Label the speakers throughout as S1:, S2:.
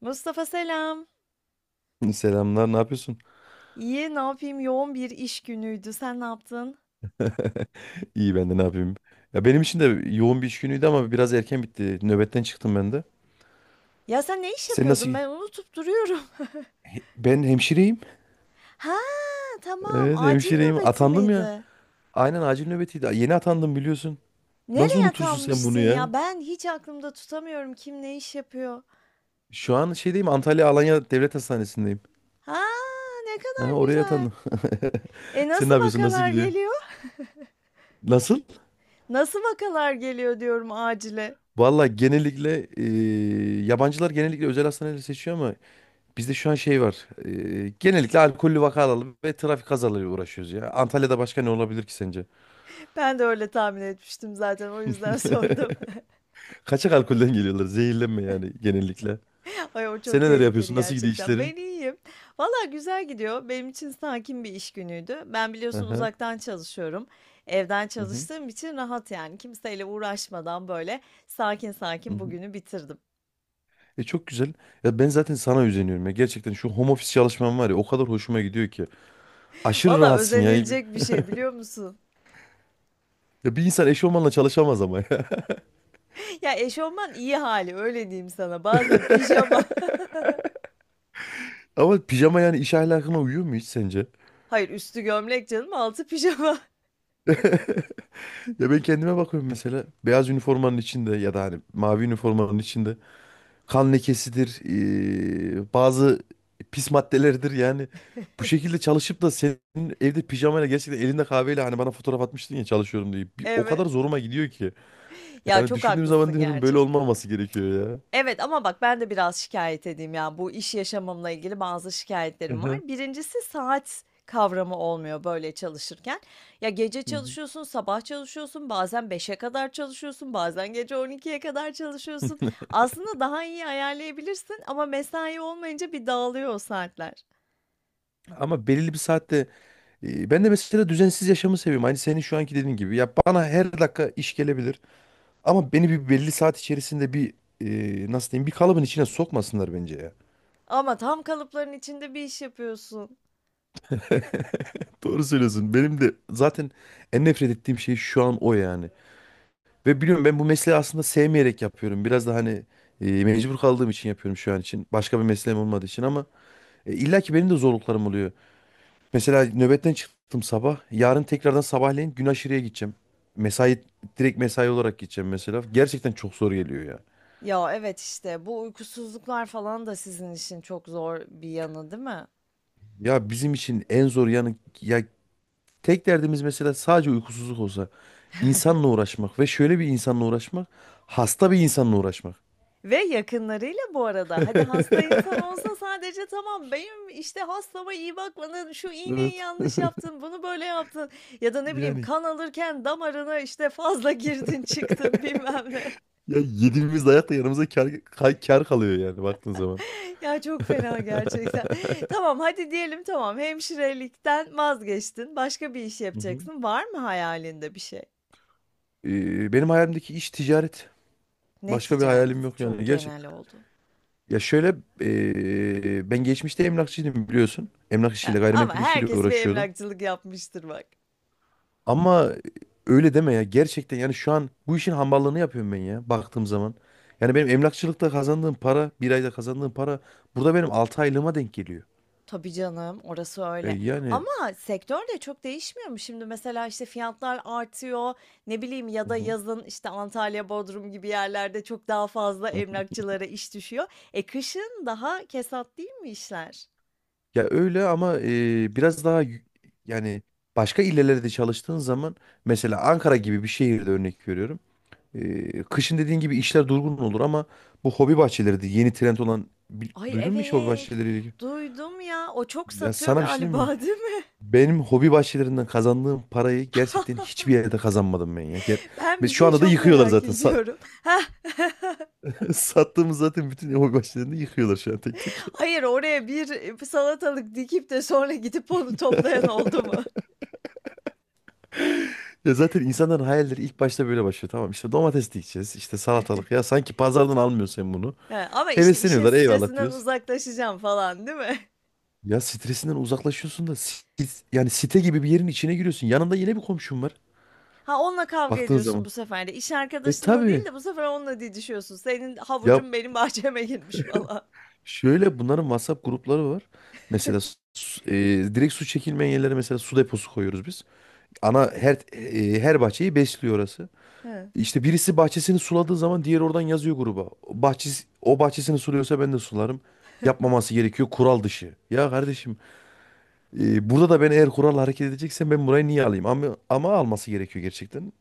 S1: Mustafa selam.
S2: Selamlar, ne yapıyorsun?
S1: İyi, ne yapayım? Yoğun bir iş günüydü. Sen ne yaptın?
S2: İyi ben de ne yapayım? Ya benim için de yoğun bir iş günüydü ama biraz erken bitti. Nöbetten çıktım ben de.
S1: Ya sen ne iş
S2: Sen nasıl?
S1: yapıyordun? Ben unutup duruyorum.
S2: Ben hemşireyim.
S1: Ha, tamam.
S2: Evet
S1: Acil
S2: hemşireyim.
S1: nöbeti
S2: Atandım ya.
S1: miydi?
S2: Aynen acil nöbetiydi. Yeni atandım biliyorsun. Nasıl
S1: Nereye
S2: unutursun sen bunu
S1: atanmışsın
S2: ya?
S1: ya? Ben hiç aklımda tutamıyorum kim ne iş yapıyor.
S2: Şu an Antalya Alanya Devlet Hastanesi'ndeyim.
S1: Ha, ne
S2: Ha,
S1: kadar
S2: oraya
S1: güzel.
S2: atandım.
S1: E
S2: Sen ne
S1: nasıl
S2: yapıyorsun? Nasıl
S1: vakalar
S2: gidiyor?
S1: geliyor?
S2: Nasıl?
S1: Nasıl vakalar geliyor diyorum acile.
S2: Valla genellikle yabancılar genellikle özel hastaneleri seçiyor ama bizde şu an şey var. Genellikle alkollü vakalarla ve trafik kazalarıyla uğraşıyoruz ya. Antalya'da başka ne olabilir ki sence?
S1: Ben de öyle tahmin etmiştim zaten. O yüzden sordum.
S2: Kaçak alkolden geliyorlar. Zehirlenme yani genellikle.
S1: Ay o
S2: Sen
S1: çok
S2: neler
S1: tehlikeli
S2: yapıyorsun? Nasıl gidiyor
S1: gerçekten.
S2: işlerin?
S1: Ben iyiyim. Valla güzel gidiyor. Benim için sakin bir iş günüydü. Ben biliyorsun
S2: Aha.
S1: uzaktan çalışıyorum. Evden
S2: Hı hı.
S1: çalıştığım için rahat yani. Kimseyle uğraşmadan böyle sakin
S2: Hı
S1: sakin
S2: hı.
S1: bugünü bitirdim.
S2: E çok güzel. Ya ben zaten sana özeniyorum ya. Gerçekten şu home office çalışmam var ya o kadar hoşuma gidiyor ki. Aşırı
S1: Valla
S2: rahatsın ya. Ya
S1: özenilecek bir şey biliyor musun?
S2: bir insan eşofmanla çalışamaz ama ya.
S1: Ya eşofman iyi hali öyle diyeyim sana. Bazen pijama.
S2: Ama pijama yani iş ahlakına uyuyor mu hiç sence?
S1: Hayır üstü gömlek canım altı pijama.
S2: Ya ben kendime bakıyorum mesela beyaz üniformanın içinde ya da hani mavi üniformanın içinde. Kan lekesidir, bazı pis maddeleridir yani. Bu şekilde çalışıp da senin evde pijamayla gerçekten elinde kahveyle hani bana fotoğraf atmıştın ya çalışıyorum diye. Bir, o kadar
S1: Evet.
S2: zoruma gidiyor ki.
S1: Ya
S2: Yani
S1: çok
S2: düşündüğüm zaman
S1: haklısın
S2: diyorum böyle
S1: gerçekten.
S2: olmaması gerekiyor ya.
S1: Evet ama bak ben de biraz şikayet edeyim ya. Bu iş yaşamımla ilgili bazı
S2: Hı
S1: şikayetlerim var.
S2: hı.
S1: Birincisi saat kavramı olmuyor böyle çalışırken. Ya gece
S2: Hı hı.
S1: çalışıyorsun, sabah çalışıyorsun, bazen beşe kadar çalışıyorsun, bazen gece on ikiye kadar çalışıyorsun. Aslında daha iyi ayarlayabilirsin ama mesai olmayınca bir dağılıyor o saatler.
S2: Ama belirli bir saatte ben de mesela düzensiz yaşamı seviyorum. Aynı senin şu anki dediğin gibi. Ya bana her dakika iş gelebilir. Ama beni bir belli saat içerisinde nasıl diyeyim bir kalıbın içine sokmasınlar bence ya.
S1: Ama tam kalıpların içinde bir iş yapıyorsun.
S2: Doğru söylüyorsun. Benim de zaten en nefret ettiğim şey şu an o yani. Ve biliyorum ben bu mesleği aslında sevmeyerek yapıyorum. Biraz da hani mecbur kaldığım için yapıyorum şu an için. Başka bir mesleğim olmadığı için ama illa ki benim de zorluklarım oluyor. Mesela nöbetten çıktım sabah. Yarın tekrardan sabahleyin gün aşırıya gideceğim. Mesai Direkt mesai olarak gideceğim mesela. Gerçekten çok zor geliyor ya.
S1: Ya evet işte bu uykusuzluklar falan da sizin için çok zor bir yanı, değil mi?
S2: Ya bizim için en zor yanı ya tek derdimiz mesela sadece uykusuzluk olsa insanla uğraşmak ve şöyle bir insanla uğraşmak hasta bir insanla uğraşmak.
S1: Ve yakınlarıyla bu arada. Hadi hasta insan olsa sadece tamam benim işte hastama iyi bakmadın, şu iğneyi
S2: Evet.
S1: yanlış yaptın, bunu böyle yaptın ya da ne bileyim
S2: Yani.
S1: kan alırken damarına işte fazla girdin çıktın bilmem ne.
S2: Ya yediğimiz dayakla yanımıza kar kalıyor yani baktığın zaman.
S1: Ya çok fena gerçekten. Tamam hadi diyelim tamam hemşirelikten vazgeçtin başka bir iş
S2: Hı hı.
S1: yapacaksın. Var mı hayalinde bir şey?
S2: Benim hayalimdeki iş ticaret.
S1: Ne
S2: Başka bir hayalim
S1: ticareti?
S2: yok
S1: Çok
S2: yani. Gerçi
S1: genel oldu.
S2: ya şöyle ben geçmişte emlakçıydım biliyorsun. Emlak
S1: Ha,
S2: işiyle
S1: ama
S2: gayrimenkul işiyle
S1: herkes bir
S2: uğraşıyordum.
S1: emlakçılık yapmıştır bak.
S2: Ama öyle deme ya gerçekten yani şu an bu işin hamballığını yapıyorum ben ya baktığım zaman. Yani benim emlakçılıkta kazandığım para bir ayda kazandığım para burada benim 6 aylığıma denk geliyor.
S1: Tabii canım, orası
S2: E,
S1: öyle.
S2: yani
S1: Ama sektör de çok değişmiyor mu? Şimdi mesela, işte, fiyatlar artıyor, ne bileyim ya
S2: hı
S1: da
S2: hı.
S1: yazın, işte, Antalya, Bodrum gibi yerlerde çok daha fazla emlakçılara iş düşüyor. E, kışın daha kesat değil mi işler?
S2: Ya öyle ama yani başka illerde de çalıştığın zaman mesela Ankara gibi bir şehirde örnek veriyorum. E, kışın dediğin gibi işler durgun olur ama bu hobi bahçeleri de yeni trend olan
S1: Ay,
S2: duydun mu hiç hobi
S1: evet,
S2: bahçeleriyle ilgili?
S1: duydum ya. O çok
S2: Ya
S1: satıyor
S2: sana bir şey diyeyim mi?
S1: galiba, değil mi?
S2: Benim hobi bahçelerinden kazandığım parayı gerçekten hiçbir yerde kazanmadım ben ya.
S1: Ben
S2: Ve
S1: bir
S2: şu
S1: şey
S2: anda da
S1: çok
S2: yıkıyorlar
S1: merak
S2: zaten.
S1: ediyorum. Heh,
S2: Sattığımız zaten bütün hobi bahçelerini yıkıyorlar şu an tek tek.
S1: hayır, oraya bir, salatalık dikip de sonra gidip onu toplayan oldu mu?
S2: Ya zaten insanların hayalleri ilk başta böyle başlıyor. Tamam işte domates dikeceğiz, işte salatalık. Ya sanki pazardan almıyorsun sen bunu.
S1: He, ama, işte, işin
S2: Hevesleniyorlar eyvallah
S1: stresinden
S2: diyoruz.
S1: uzaklaşacağım falan, değil mi?
S2: Ya stresinden uzaklaşıyorsun da yani site gibi bir yerin içine giriyorsun. Yanında yine bir komşun var
S1: Ha, onunla kavga
S2: baktığın
S1: ediyorsun
S2: zaman.
S1: bu sefer de. İş
S2: E
S1: arkadaşınla değil
S2: tabii.
S1: de bu sefer onunla didişiyorsun. Senin
S2: Ya
S1: havucun benim bahçeme girmiş falan.
S2: şöyle bunların WhatsApp grupları var. Mesela su- e, direkt su çekilmeyen yerlere mesela su deposu koyuyoruz biz. Ana her her bahçeyi besliyor orası.
S1: He.
S2: İşte birisi bahçesini suladığı zaman diğeri oradan yazıyor gruba. Bahçesi, o bahçesini suluyorsa ben de sularım. Yapmaması gerekiyor kural dışı. Ya kardeşim burada da ben eğer kural hareket edeceksem ben burayı niye alayım? Ama alması gerekiyor gerçekten.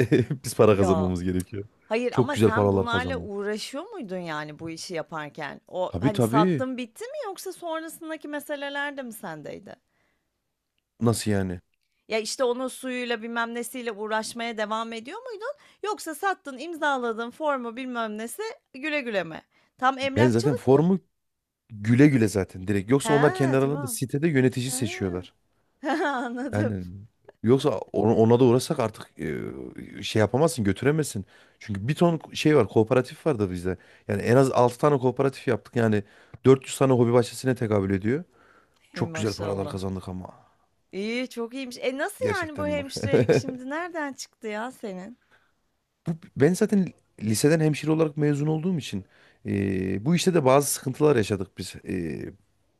S2: Biz para
S1: Ya,
S2: kazanmamız gerekiyor.
S1: hayır
S2: Çok
S1: ama
S2: güzel
S1: sen
S2: paralar
S1: bunlarla
S2: kazanıyor.
S1: uğraşıyor muydun, yani, bu işi yaparken? O,
S2: Tabii
S1: hani,
S2: tabii.
S1: sattın bitti mi yoksa sonrasındaki meseleler de mi sendeydi?
S2: Nasıl yani?
S1: Ya, işte, onun suyuyla bilmem nesiyle uğraşmaya devam ediyor muydun yoksa sattın, imzaladın, formu bilmem nesi, güle güle mi? Tam
S2: Ben zaten
S1: emlakçılık.
S2: formu Güle güle zaten direkt. Yoksa
S1: Ha,
S2: onlar kendi aralarında
S1: tamam.
S2: sitede yönetici
S1: He.
S2: seçiyorlar.
S1: Anladım.
S2: Yani yoksa ona da uğrasak artık şey yapamazsın, götüremezsin. Çünkü bir ton şey var, kooperatif var da bizde. Yani en az 6 tane kooperatif yaptık. Yani 400 tane hobi bahçesine tekabül ediyor.
S1: Ey
S2: Çok güzel paralar
S1: maşallah.
S2: kazandık ama.
S1: İyi, çok iyiymiş. E nasıl yani bu
S2: Gerçekten bak.
S1: hemşirelik şimdi nereden çıktı ya senin?
S2: Bu, ben zaten liseden hemşire olarak mezun olduğum için bu işte de bazı sıkıntılar yaşadık biz,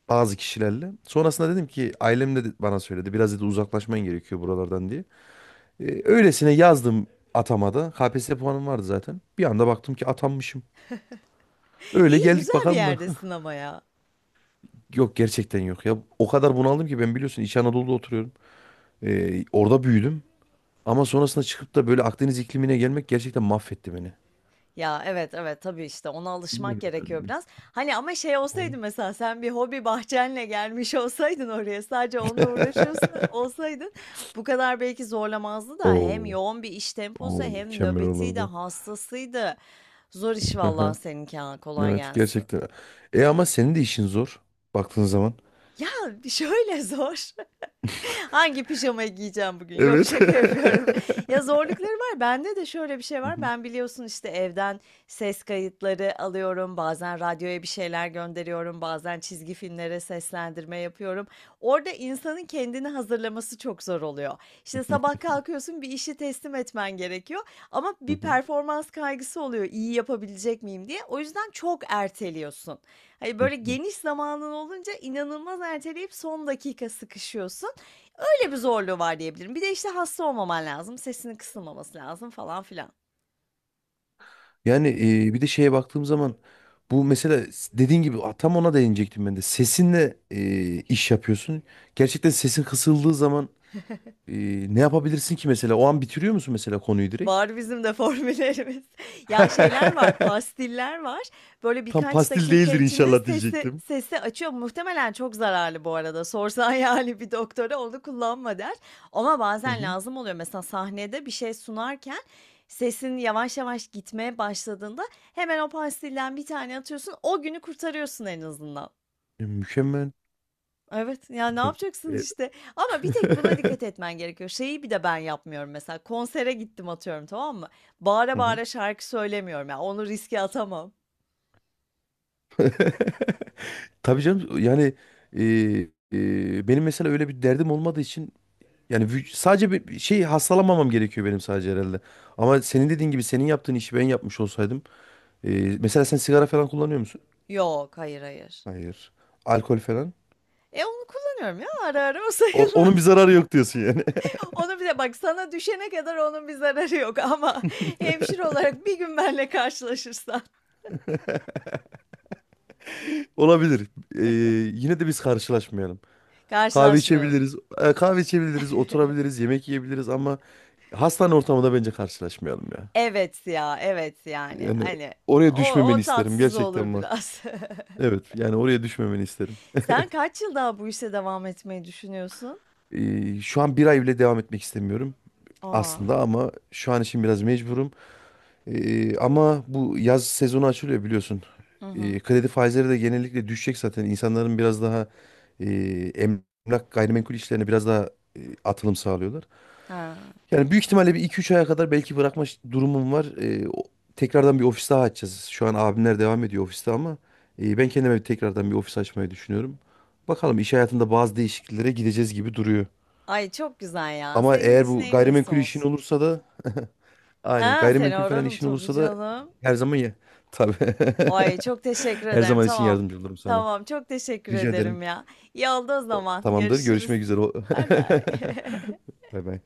S2: bazı kişilerle. Sonrasında dedim ki ailem de bana söyledi biraz dedi uzaklaşman gerekiyor buralardan diye. E, öylesine yazdım atamada. KPSS puanım vardı zaten. Bir anda baktım ki atanmışım. Öyle
S1: İyi
S2: geldik
S1: güzel bir
S2: bakalım da.
S1: yerdesin ama ya.
S2: Yok gerçekten yok ya. O kadar bunaldım ki ben biliyorsun İç Anadolu'da oturuyorum. E, orada büyüdüm. Ama sonrasında çıkıp da böyle Akdeniz iklimine gelmek gerçekten mahvetti beni.
S1: Ya evet evet tabii işte ona alışmak gerekiyor
S2: Bilmiyorum.
S1: biraz. Hani ama şey olsaydı mesela sen bir hobi bahçenle gelmiş olsaydın oraya sadece onunla uğraşıyorsun olsaydın bu kadar belki zorlamazdı da hem
S2: Oo,
S1: yoğun bir iş temposu hem
S2: mükemmel
S1: nöbetiydi
S2: olurdu.
S1: hastasıydı. Zor iş vallahi
S2: Aha,
S1: seninki ha kolay
S2: evet
S1: gelsin.
S2: gerçekten. E ama senin de işin zor baktığın zaman.
S1: Ya, şöyle zor. Hangi pijamayı giyeceğim bugün? Yok
S2: Evet.
S1: şaka yapıyorum. Ya zorlukları var. Bende de şöyle bir şey
S2: Hı
S1: var.
S2: hı,
S1: Ben biliyorsun işte evden ses kayıtları alıyorum. Bazen radyoya bir şeyler gönderiyorum. Bazen çizgi filmlere seslendirme yapıyorum. Orada insanın kendini hazırlaması çok zor oluyor. İşte sabah kalkıyorsun bir işi teslim etmen gerekiyor. Ama
S2: hı
S1: bir
S2: hı,
S1: performans kaygısı oluyor. İyi yapabilecek miyim diye. O yüzden çok erteliyorsun. Hani
S2: hı
S1: böyle
S2: hı.
S1: geniş zamanın olunca inanılmaz erteleyip son dakika sıkışıyorsun. Böyle bir zorluğu var diyebilirim. Bir de işte hasta olmaman lazım. Sesinin kısılmaması lazım falan filan.
S2: Yani bir de şeye baktığım zaman bu mesela dediğin gibi a, tam ona değinecektim ben de. Sesinle iş yapıyorsun. Gerçekten sesin kısıldığı zaman e, ne yapabilirsin ki mesela? O an bitiriyor musun mesela konuyu direkt?
S1: Var bizim de formüllerimiz. Ya şeyler var, pastiller var. Böyle
S2: Tam
S1: birkaç
S2: pastil
S1: dakika
S2: değildir
S1: içinde
S2: inşallah
S1: sesi
S2: diyecektim.
S1: sesi açıyor. Muhtemelen çok zararlı bu arada. Sorsan yani bir doktora onu kullanma der. Ama
S2: Hı
S1: bazen
S2: hı.
S1: lazım oluyor. Mesela sahnede bir şey sunarken sesin yavaş yavaş gitmeye başladığında hemen o pastilden bir tane atıyorsun. O günü kurtarıyorsun en azından.
S2: E, mükemmel.
S1: Evet, ya, ne yapacaksın
S2: E, e,
S1: işte ama bir tek buna dikkat etmen gerekiyor. Şeyi bir de ben yapmıyorum mesela konsere gittim atıyorum tamam mı? Bağıra
S2: Hı hı.
S1: bağıra şarkı söylemiyorum ya onu riske atamam.
S2: Tabii canım yani e, benim mesela öyle bir derdim olmadığı için yani sadece bir şey hastalanmamam gerekiyor benim sadece herhalde. Ama senin dediğin gibi senin yaptığın işi ben yapmış olsaydım. e, Mesela sen sigara falan kullanıyor musun?
S1: Yok hayır hayır.
S2: Hayır. Alkol falan.
S1: E onu kullanıyorum ya ara ara o
S2: Onun bir
S1: sayılmaz.
S2: zararı yok diyorsun yani.
S1: Onu bir de bak sana düşene kadar onun bir zararı yok ama hemşire olarak bir gün benle karşılaşırsan.
S2: Olabilir. E, yine de biz karşılaşmayalım. Kahve
S1: Karşılaşmayalım.
S2: içebiliriz. Oturabiliriz, yemek yiyebiliriz ama hastane ortamında bence karşılaşmayalım ya.
S1: Evet ya evet yani
S2: Yani
S1: hani
S2: oraya
S1: o,
S2: düşmemeni
S1: o
S2: isterim
S1: tatsız olur
S2: gerçekten bak.
S1: biraz.
S2: Evet yani oraya düşmemeni isterim.
S1: Sen kaç yıl daha bu işe devam etmeyi düşünüyorsun?
S2: E, şu an bir ay bile devam etmek istemiyorum.
S1: Aa,
S2: Aslında ama şu an için biraz mecburum. Ama bu yaz sezonu açılıyor biliyorsun.
S1: hı hı.
S2: Kredi faizleri de genellikle düşecek zaten. İnsanların biraz daha e, emlak gayrimenkul işlerine biraz daha atılım sağlıyorlar.
S1: Ha.
S2: Yani büyük ihtimalle bir iki üç aya kadar belki durumum var. Tekrardan bir ofis daha açacağız. Şu an abimler devam ediyor ofiste ama ben kendime tekrardan bir ofis açmayı düşünüyorum. Bakalım iş hayatında bazı değişikliklere gideceğiz gibi duruyor.
S1: Ay, çok güzel ya.
S2: Ama
S1: Senin
S2: eğer
S1: için
S2: bu
S1: en iyisi
S2: gayrimenkul işin
S1: olsun.
S2: olursa da aynen.
S1: Ha, seni
S2: Gayrimenkul falan
S1: ararım
S2: işin
S1: tabii
S2: olursa da
S1: canım.
S2: her zaman ya. Tabii.
S1: Ay, çok teşekkür
S2: Her
S1: ederim.
S2: zaman için
S1: Tamam.
S2: yardımcı olurum sana.
S1: Tamam, çok teşekkür
S2: Rica ederim.
S1: ederim ya. İyi oldu o zaman.
S2: Tamamdır.
S1: Görüşürüz.
S2: Görüşmek üzere.
S1: Baybay.
S2: Bay bay.